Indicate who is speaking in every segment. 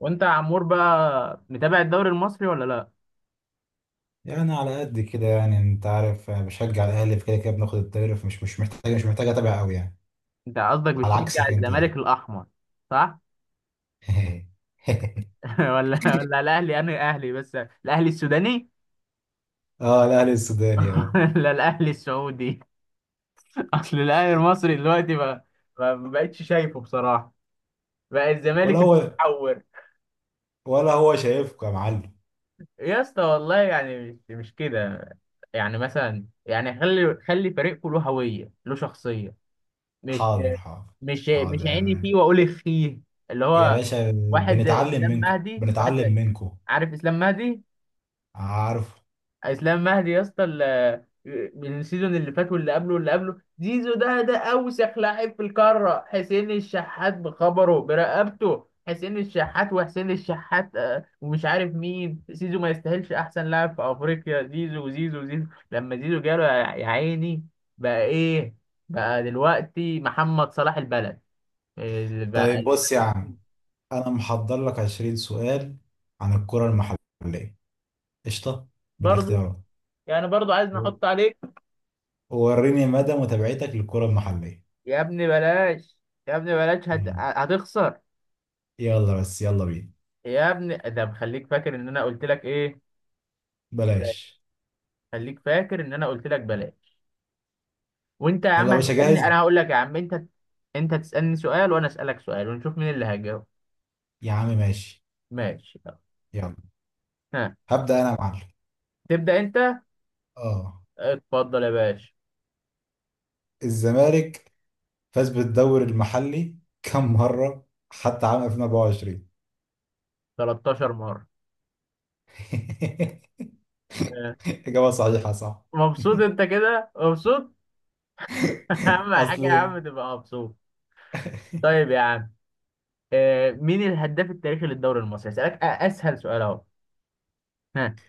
Speaker 1: وانت يا عمور بقى متابع الدوري المصري ولا لا؟
Speaker 2: يعني على قد كده، يعني انت عارف أنا بشجع الاهلي. في كده كده بناخد الدوري، فمش مش محتاج مش محتاج اتابع قوي يعني.
Speaker 1: انت قصدك
Speaker 2: على
Speaker 1: بتشجع
Speaker 2: عكسك انت.
Speaker 1: الزمالك الاحمر؟ صح.
Speaker 2: يعني.
Speaker 1: ولا الاهلي، انا اهلي بس. الاهلي السوداني.
Speaker 2: اه، الاهلي السوداني، اه.
Speaker 1: ولا الاهلي السعودي؟ اصل الاهلي المصري دلوقتي بقى ما بقتش شايفه بصراحه. بقى
Speaker 2: ولا
Speaker 1: الزمالك اللي
Speaker 2: هو
Speaker 1: بيتحور.
Speaker 2: ولا هو شايفكم يا معلم.
Speaker 1: يا اسطى والله يعني مش كده. يعني مثلا يعني خلي فريقكم له هويه، له شخصيه. مش
Speaker 2: حاضر، حاضر.
Speaker 1: مش
Speaker 2: حاضر
Speaker 1: عيني فيه واقول اخيه، اللي
Speaker 2: يا
Speaker 1: هو
Speaker 2: باشا.
Speaker 1: واحد زي
Speaker 2: بنتعلم
Speaker 1: اسلام
Speaker 2: منكم،
Speaker 1: مهدي، واحد زي...
Speaker 2: بنتعلم منكم.
Speaker 1: عارف اسلام مهدي؟
Speaker 2: عارف.
Speaker 1: اسلام مهدي يا اسطى من السيزون اللي فات واللي قبله واللي قبله. زيزو ده اوسخ لاعب في القاره. حسين الشحات بخبره برقبته، حسين الشحات وحسين الشحات، ومش عارف مين. زيزو ما يستاهلش احسن لاعب في افريقيا. زيزو زيزو زيزو لما زيزو جاله، يا عيني. بقى ايه؟ بقى دلوقتي محمد صلاح البلد.
Speaker 2: طيب،
Speaker 1: اللي بقى...
Speaker 2: بص يا عم، انا محضر لك 20 سؤال عن الكرة المحلية. قشطة،
Speaker 1: برضه؟
Speaker 2: بالاختيارات.
Speaker 1: يعني برضه عايز
Speaker 2: و-
Speaker 1: نحط عليك؟
Speaker 2: ووريني مدى متابعتك للكرة المحلية.
Speaker 1: يا ابني بلاش. يا ابني بلاش
Speaker 2: يلا،
Speaker 1: هتخسر.
Speaker 2: يلا بس، يلا بينا.
Speaker 1: يا ابني ده مخليك فاكر ان انا قلت لك ايه؟ بلاش.
Speaker 2: بلاش.
Speaker 1: خليك فاكر ان انا قلت لك بلاش. وانت يا
Speaker 2: يلا
Speaker 1: عم
Speaker 2: يا باشا،
Speaker 1: هتسألني،
Speaker 2: جاهز.
Speaker 1: انا هقول لك يا عم انت، انت تسألني سؤال وانا اسألك سؤال ونشوف مين اللي هيجاوب.
Speaker 2: يا عم ماشي.
Speaker 1: ماشي، يلا.
Speaker 2: يلا،
Speaker 1: ها،
Speaker 2: هبدأ انا يا معلم.
Speaker 1: تبدأ انت.
Speaker 2: اه.
Speaker 1: اتفضل يا باشا.
Speaker 2: الزمالك فاز بالدوري المحلي كم مرة حتى عام 2024؟
Speaker 1: 13 مرة. آه.
Speaker 2: إجابة صحيحة، صح.
Speaker 1: مبسوط انت كده؟ مبسوط؟ اهم حاجة يا
Speaker 2: اصل،
Speaker 1: عم تبقى مبسوط. طيب يا عم، مين الهداف التاريخي للدوري المصري؟ هسألك اسهل سؤال اهو. ها؟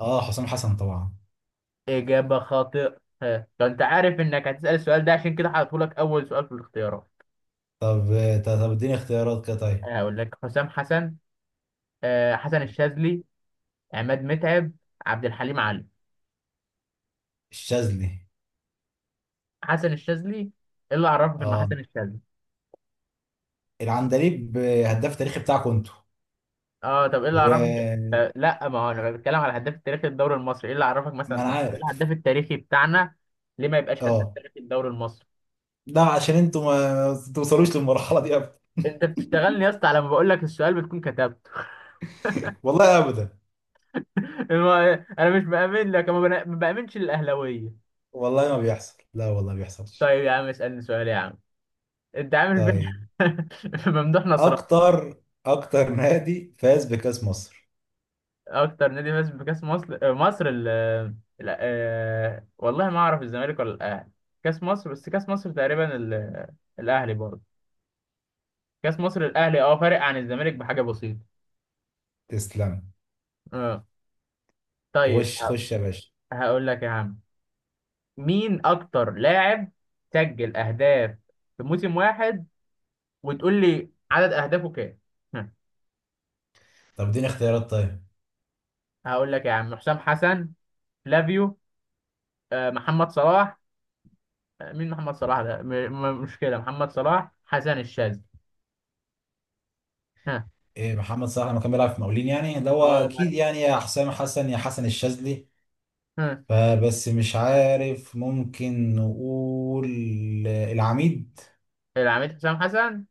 Speaker 2: اه حسام حسن طبعا.
Speaker 1: اجابه خاطئه. ها، لو انت عارف انك هتسأل السؤال ده، عشان كده هحطهولك اول سؤال في الاختيارات.
Speaker 2: طب طب اديني اختيارات كده طيب.
Speaker 1: أنا هقول لك: حسام حسن، حسن الشاذلي، عماد متعب، عبد الحليم علي.
Speaker 2: الشاذلي.
Speaker 1: حسن الشاذلي؟ ايه اللي عرفك انه
Speaker 2: اه،
Speaker 1: حسن الشاذلي؟
Speaker 2: العندليب، هداف تاريخي بتاعكم انتوا.
Speaker 1: اه، طب ايه اللي عرفك؟
Speaker 2: و
Speaker 1: طب لا، ما هو انا بتكلم على الهداف التاريخي للدوري المصري. ايه اللي عرفك
Speaker 2: ما
Speaker 1: مثلا؟
Speaker 2: انا
Speaker 1: طب إيه
Speaker 2: عارف.
Speaker 1: الهداف التاريخي بتاعنا؟ ليه ما يبقاش هداف
Speaker 2: اه،
Speaker 1: تاريخي للدوري المصري؟
Speaker 2: لا عشان انتوا ما توصلوش للمرحلة دي.
Speaker 1: انت بتشتغلني يا اسطى؟ على ما بقول لك السؤال بتكون كتبته.
Speaker 2: والله ابدا.
Speaker 1: انا مش بامن لك. أنا ما ما بامنش الاهلاويه.
Speaker 2: والله ما بيحصل، لا والله ما بيحصلش.
Speaker 1: طيب يا عم، اسالني سؤال يا عم. انت عامل فين؟
Speaker 2: طيب،
Speaker 1: ممدوح نصر.
Speaker 2: اكتر نادي فاز بكاس مصر.
Speaker 1: اكتر نادي فاز بكاس مصر؟ مصر والله ما اعرف، الزمالك ولا الاهلي؟ كاس مصر بس. كاس مصر تقريبا الاهلي برضه. كاس مصر الاهلي، اه، فارق عن الزمالك بحاجه بسيطه.
Speaker 2: تسلم.
Speaker 1: اه. طيب
Speaker 2: خش خش يا باشا.
Speaker 1: هقول لك يا عم، مين اكتر لاعب سجل اهداف في موسم واحد، وتقول لي عدد اهدافه كام.
Speaker 2: طب اديني اختيارات طيب.
Speaker 1: هقول لك يا عم: حسام حسن، فلافيو، محمد صلاح، مين محمد صلاح ده. مشكلة محمد صلاح، حسن الشاذلي. ها؟
Speaker 2: ايه، محمد صلاح لما كان بيلعب في مقاولين يعني، اللي هو
Speaker 1: اه، بس.
Speaker 2: اكيد يعني، يا حسام حسن يا حسن الشاذلي.
Speaker 1: ها؟
Speaker 2: فبس مش عارف، ممكن نقول العميد
Speaker 1: العميد حسام حسن؟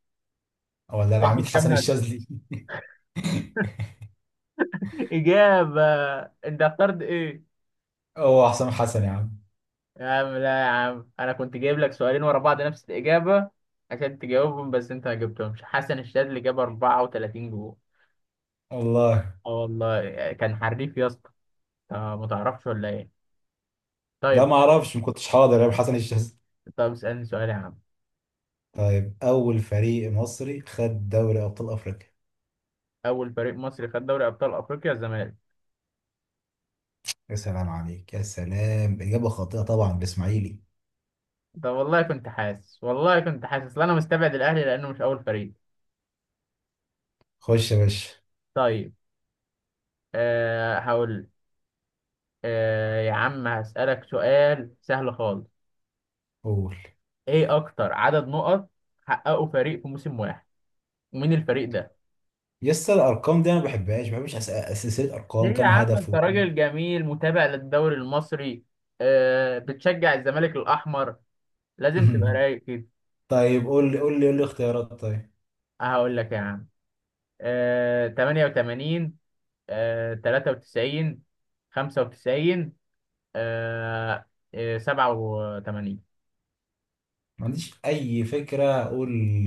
Speaker 2: ولا العميد
Speaker 1: سجل كام
Speaker 2: حسن
Speaker 1: هدف؟
Speaker 2: الشاذلي.
Speaker 1: إجابة؟ أنت اخترت إيه؟
Speaker 2: هو حسام حسن يا عم.
Speaker 1: يا عم لا، يا عم أنا كنت جايب لك سؤالين ورا بعض نفس الإجابة عشان تجاوبهم، بس أنت ما جبتهمش. حسن الشاذلي جاب 34 جول.
Speaker 2: والله
Speaker 1: اه والله كان حريف يا اسطى. ما تعرفش ولا إيه؟
Speaker 2: لا،
Speaker 1: طيب.
Speaker 2: ما اعرفش، ما كنتش حاضر يا حسن الشاذلي.
Speaker 1: طب اسألني سؤال يا عم.
Speaker 2: طيب، أول فريق مصري خد دوري أبطال أفريقيا.
Speaker 1: اول فريق مصري خد دوري ابطال افريقيا الزمالك.
Speaker 2: يا سلام عليك يا سلام، إجابة خاطئة طبعا، بإسماعيلي.
Speaker 1: طب والله كنت حاسس، والله كنت حاسس، لا انا مستبعد الاهلي لانه مش اول فريق.
Speaker 2: خش يا باشا.
Speaker 1: طيب. أه، هقول لك. أه يا عم، هسألك سؤال سهل خالص.
Speaker 2: قول.
Speaker 1: ايه اكتر عدد نقط حققه فريق في موسم واحد، ومين الفريق ده؟
Speaker 2: يس، الأرقام دي أنا ما بحبهاش، ما بحبش سلسلة
Speaker 1: ليه
Speaker 2: أرقام.
Speaker 1: يا
Speaker 2: كام
Speaker 1: عم؟ انت
Speaker 2: هدفه؟
Speaker 1: راجل جميل، متابع للدوري المصري، أه بتشجع الزمالك الاحمر، لازم تبقى رايق كده.
Speaker 2: طيب، قول لي قول لي قول لي اختيارات طيب.
Speaker 1: هقول لك يا عم: أه 88، أه 93، 95، آه، 87.
Speaker 2: ما عنديش أي فكرة، أقول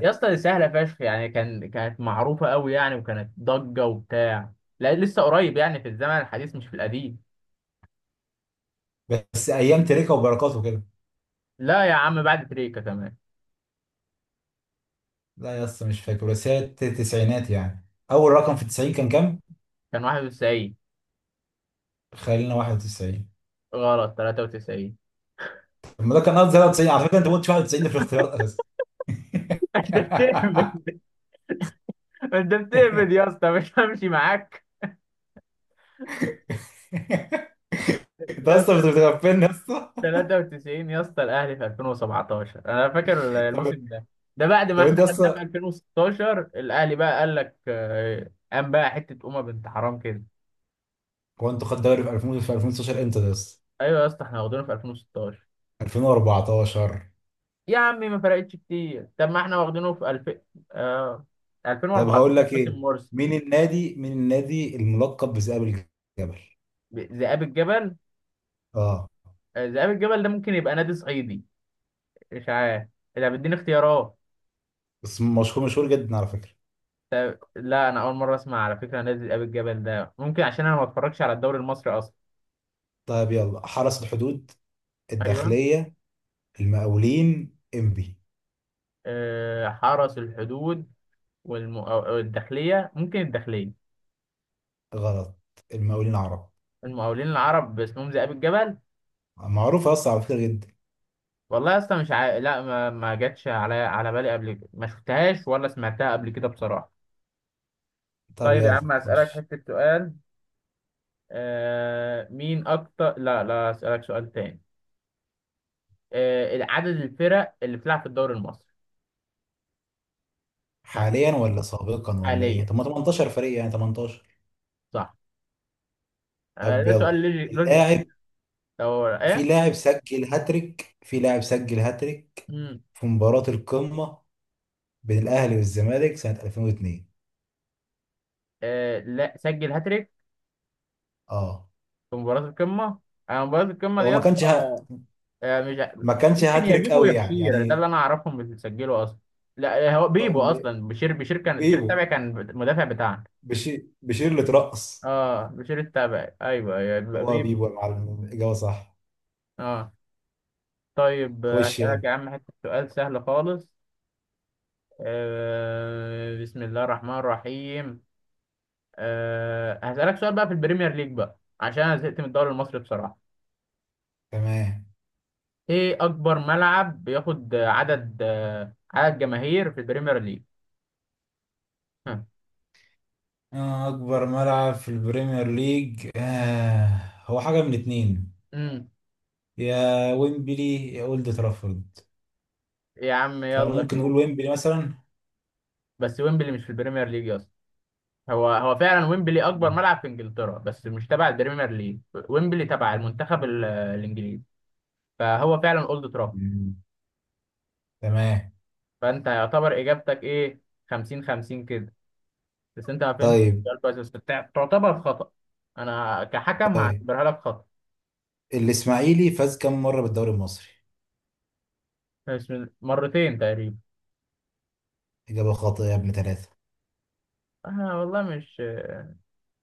Speaker 1: يا اسطى دي سهله فشخ يعني. كان كانت معروفه قوي يعني، وكانت ضجه وبتاع. لا لسه قريب يعني، في الزمن الحديث مش في القديم.
Speaker 2: بس أيام تريكة وبركاته كده.
Speaker 1: لا يا عم، بعد تريكا كمان.
Speaker 2: لا يا اسطى مش فاكر، بس هي التسعينات يعني. أول رقم في التسعين كان كام؟
Speaker 1: كان 91؟
Speaker 2: خلينا 91.
Speaker 1: غلط. 93.
Speaker 2: طب ما ده كان قصدي 93 على فكرة، أنت ما قلتش 91 ده في الاختيارات.
Speaker 1: انت بتهبد، انت بتهبد
Speaker 2: انت
Speaker 1: يا اسطى، مش همشي معاك يا
Speaker 2: اصلا
Speaker 1: اسطى.
Speaker 2: بتغفلني يا اسطى.
Speaker 1: 93 يا اسطى الاهلي في 2017، انا فاكر الموسم
Speaker 2: طب
Speaker 1: ده. ده بعد ما
Speaker 2: طب انت
Speaker 1: احنا خدناه في
Speaker 2: اصلا،
Speaker 1: 2016، الاهلي بقى قال لك قام بقى حته امه بنت حرام كده.
Speaker 2: هو انتوا خدتوا الدوري في 2000، في 2016 امتى ده اصلا؟
Speaker 1: ايوه يا اسطى، احنا واخدينه في 2016.
Speaker 2: 2014.
Speaker 1: يا عمي ما فرقتش كتير. طب ما احنا واخدينه في 2000. آه،
Speaker 2: طب هقول
Speaker 1: 2014،
Speaker 2: لك
Speaker 1: باسم
Speaker 2: ايه،
Speaker 1: مرسي.
Speaker 2: مين النادي الملقب بذئاب الجبل؟
Speaker 1: ذئاب الجبل؟
Speaker 2: اه
Speaker 1: ذئاب الجبل ده ممكن يبقى نادي صعيدي، مش عارف، اذا بتديني اختيارات.
Speaker 2: بس مشهور، مشهور جدا على فكرة.
Speaker 1: لا، انا اول مره اسمع على فكره نادي ذئاب الجبل ده، ممكن عشان انا ما بتفرجش على الدوري المصري اصلا.
Speaker 2: طيب يلا، حرس الحدود،
Speaker 1: ايوه.
Speaker 2: الداخلية، المقاولين، انبي.
Speaker 1: آه حرس الحدود. والداخليه، ممكن الداخليه.
Speaker 2: غلط، المقاولين عرب.
Speaker 1: المقاولين العرب اسمهم ذئاب الجبل؟
Speaker 2: معروف اصلا على فكرة جدا.
Speaker 1: والله يا اسطى، مش عا... لا، ما جاتش على بالي قبل كده، ما شفتهاش ولا سمعتها قبل كده بصراحة.
Speaker 2: طب
Speaker 1: طيب يا
Speaker 2: يلا
Speaker 1: عم، أسألك
Speaker 2: خش.
Speaker 1: حتة سؤال. آه... مين أكتر لا، لا، أسألك سؤال تاني. عدد الفرق اللي بتلعب في الدوري المصري؟ ها،
Speaker 2: حاليا ولا سابقا ولا
Speaker 1: حاليا.
Speaker 2: ايه؟ طب ما 18 فريق يعني، 18.
Speaker 1: صح.
Speaker 2: طب
Speaker 1: ده
Speaker 2: يلا،
Speaker 1: سؤال لوجيك لوجيك.
Speaker 2: اللاعب،
Speaker 1: أو
Speaker 2: في
Speaker 1: إيه؟
Speaker 2: لاعب سجل هاتريك،
Speaker 1: مم.
Speaker 2: في مباراة القمة بين الأهلي والزمالك سنة 2002.
Speaker 1: لا سجل هاتريك
Speaker 2: اه،
Speaker 1: في مباراة القمة. مباراة القمة دي
Speaker 2: هو
Speaker 1: يا
Speaker 2: ما
Speaker 1: اسطى...
Speaker 2: كانش
Speaker 1: آه، مش ع-
Speaker 2: ما كانش
Speaker 1: ممكن يا
Speaker 2: هاتريك
Speaker 1: بيبو، يا
Speaker 2: قوي يعني،
Speaker 1: بشير، ده اللي
Speaker 2: يعني.
Speaker 1: انا اعرفهم اللي بيسجلوا اصلا. لا هو بيبو
Speaker 2: أم-
Speaker 1: اصلا. بشير كان، بشير التابع
Speaker 2: بيبو.
Speaker 1: كان المدافع بتاعنا.
Speaker 2: بشير اللي اترقص.
Speaker 1: اه بشير التابع. ايوه يا بيبو.
Speaker 2: هو
Speaker 1: بيبو.
Speaker 2: بيبو يا معلم، الإجابة صح.
Speaker 1: اه. طيب
Speaker 2: خش
Speaker 1: هسألك يا
Speaker 2: يعني.
Speaker 1: عم حته سؤال سهل خالص. بسم الله الرحمن الرحيم. هسألك سؤال بقى في البريمير ليج بقى عشان انا زهقت من الدوري المصري بصراحة.
Speaker 2: تمام.
Speaker 1: ايه اكبر ملعب بياخد عدد جماهير في البريمير ليج؟ ها.
Speaker 2: آه، أكبر ملعب في البريمير ليج. آه، هو حاجة من اتنين،
Speaker 1: مم.
Speaker 2: يا ويمبلي يا أولد ترافورد.
Speaker 1: يا عم يلا
Speaker 2: فممكن نقول
Speaker 1: شوف.
Speaker 2: ويمبلي مثلا.
Speaker 1: بس ويمبلي مش في البريمير ليج يا اسطى. هو فعلا ويمبلي اكبر ملعب في انجلترا، بس مش تبع البريمير ليج. ويمبلي تبع المنتخب الانجليزي. فهو فعلا اولد ترافورد.
Speaker 2: مم. تمام.
Speaker 1: فانت يعتبر اجابتك ايه؟ 50 50 كده. بس انت ما فهمت
Speaker 2: طيب.
Speaker 1: السؤال كويس، بس تعتبر خطأ. انا كحكم
Speaker 2: طيب،
Speaker 1: هعتبرها لك خطأ.
Speaker 2: الاسماعيلي فاز كم مرة بالدوري المصري؟
Speaker 1: مش من- مرتين تقريبا.
Speaker 2: إجابة خاطئة يا ابن ثلاثة.
Speaker 1: انا والله مش...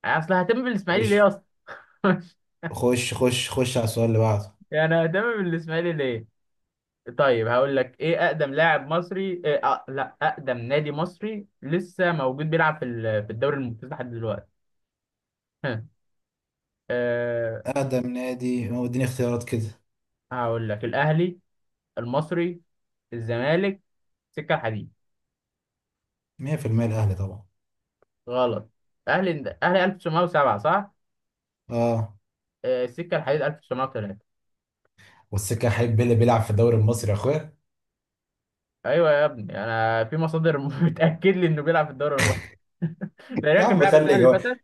Speaker 1: اصل هتم بالاسماعيلي
Speaker 2: خش
Speaker 1: ليه اصلا؟
Speaker 2: خش خش، خش على السؤال اللي بعده.
Speaker 1: يعني هتم بالاسماعيلي ليه؟ طيب هقول لك ايه اقدم لاعب مصري، إيه لا، اقدم نادي مصري لسه موجود بيلعب في في الدوري الممتاز لحد دلوقتي. ها. أه...
Speaker 2: أقدم نادي، هو اديني اختيارات كده.
Speaker 1: هقول لك: الاهلي، المصري، الزمالك، السكه الحديد.
Speaker 2: 100%، الأهلي طبعا.
Speaker 1: غلط. اهلي اهلي 1907، صح.
Speaker 2: اه،
Speaker 1: السكه الحديد 1903.
Speaker 2: والسكة حبيب بيلي بيلعب في الدوري المصري يا اخويا.
Speaker 1: ايوه يا ابني، انا في مصادر بتاكد لي انه بيلعب في الدوري المصري.
Speaker 2: يا
Speaker 1: تقريبا كان
Speaker 2: عم
Speaker 1: بيلعب السنه
Speaker 2: خلي
Speaker 1: اللي فاتت.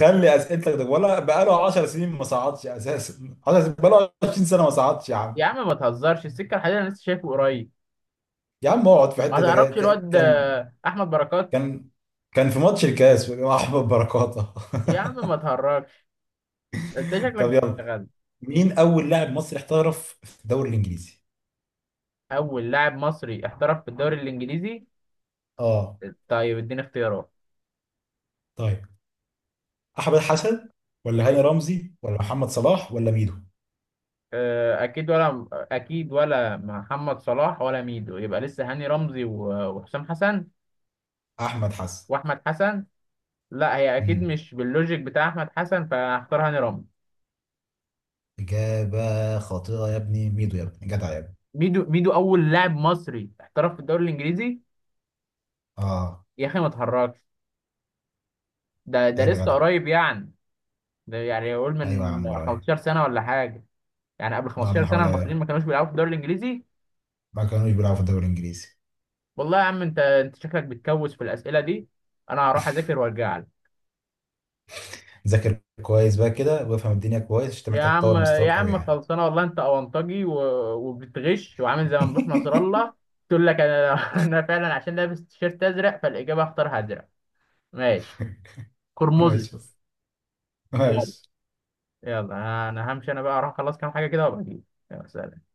Speaker 2: خلي اسئلتك ده، ولا بقاله 10 سنين ما صعدش اساسا. 10 سنين، بقاله 20 سنة ما صعدش يا عم.
Speaker 1: يا عم ما تهزرش، السكه الحديد انا لسه شايفه قريب.
Speaker 2: يا عم اقعد في
Speaker 1: ما
Speaker 2: حتة ده.
Speaker 1: تعرفش الواد احمد بركات؟
Speaker 2: كان كان في ماتش الكاس مع احمد بركاته.
Speaker 1: يا عم ما تهرجش، انت شكلك
Speaker 2: طب يلا،
Speaker 1: بتشتغل.
Speaker 2: مين اول لاعب مصري احترف في الدوري الانجليزي؟
Speaker 1: اول لاعب مصري احترف في الدوري الانجليزي.
Speaker 2: اه.
Speaker 1: طيب اديني اختيارات.
Speaker 2: طيب، احمد حسن ولا
Speaker 1: اي.
Speaker 2: هاني رمزي ولا محمد صلاح ولا ميدو؟
Speaker 1: اه، اكيد ولا، اكيد ولا محمد صلاح ولا ميدو، يبقى لسه هاني رمزي وحسام حسن
Speaker 2: احمد حسن.
Speaker 1: واحمد حسن. لا هي اكيد
Speaker 2: امم،
Speaker 1: مش باللوجيك بتاع احمد حسن، فهختار هاني رمزي.
Speaker 2: اجابه خاطئه يا ابني، ميدو يا ابني، جدع يا ابني.
Speaker 1: ميدو؟ ميدو اول لاعب مصري احترف في الدوري الانجليزي؟
Speaker 2: اه.
Speaker 1: يا اخي ما تهرجش. ده
Speaker 2: عيب يا
Speaker 1: لسه
Speaker 2: جدع.
Speaker 1: قريب يعني. ده يعني يقول
Speaker 2: ايوه يا
Speaker 1: من
Speaker 2: عم، ورايا.
Speaker 1: 15 سنه ولا حاجه. يعني قبل
Speaker 2: اه،
Speaker 1: 15
Speaker 2: من
Speaker 1: سنه المصريين
Speaker 2: حوالي.
Speaker 1: ما كانوش بيلعبوا في الدوري الانجليزي؟
Speaker 2: ما كانوش بيلعبوا في الدوري الانجليزي.
Speaker 1: والله يا عم انت شكلك بتكوس في الاسئله دي. انا هروح اذاكر وارجع لك.
Speaker 2: ذاكر كويس بقى كده، وافهم الدنيا كويس، عشان انت
Speaker 1: يا
Speaker 2: محتاج
Speaker 1: عم،
Speaker 2: تطور
Speaker 1: يا
Speaker 2: مستواك قوي
Speaker 1: عم
Speaker 2: يعني.
Speaker 1: خلصانه والله. انت اونطجي و... وبتغش، وعامل زي ممدوح نصر الله، تقول لك انا انا فعلا عشان لابس تيشيرت ازرق، فالاجابه اختارها ازرق. ماشي. قرمزي.
Speaker 2: ماشي.
Speaker 1: يلا.
Speaker 2: ماشي.
Speaker 1: يلا انا همشي، انا بقى اروح اخلص كام حاجه كده وابقى اجيلك. يلا، سلام.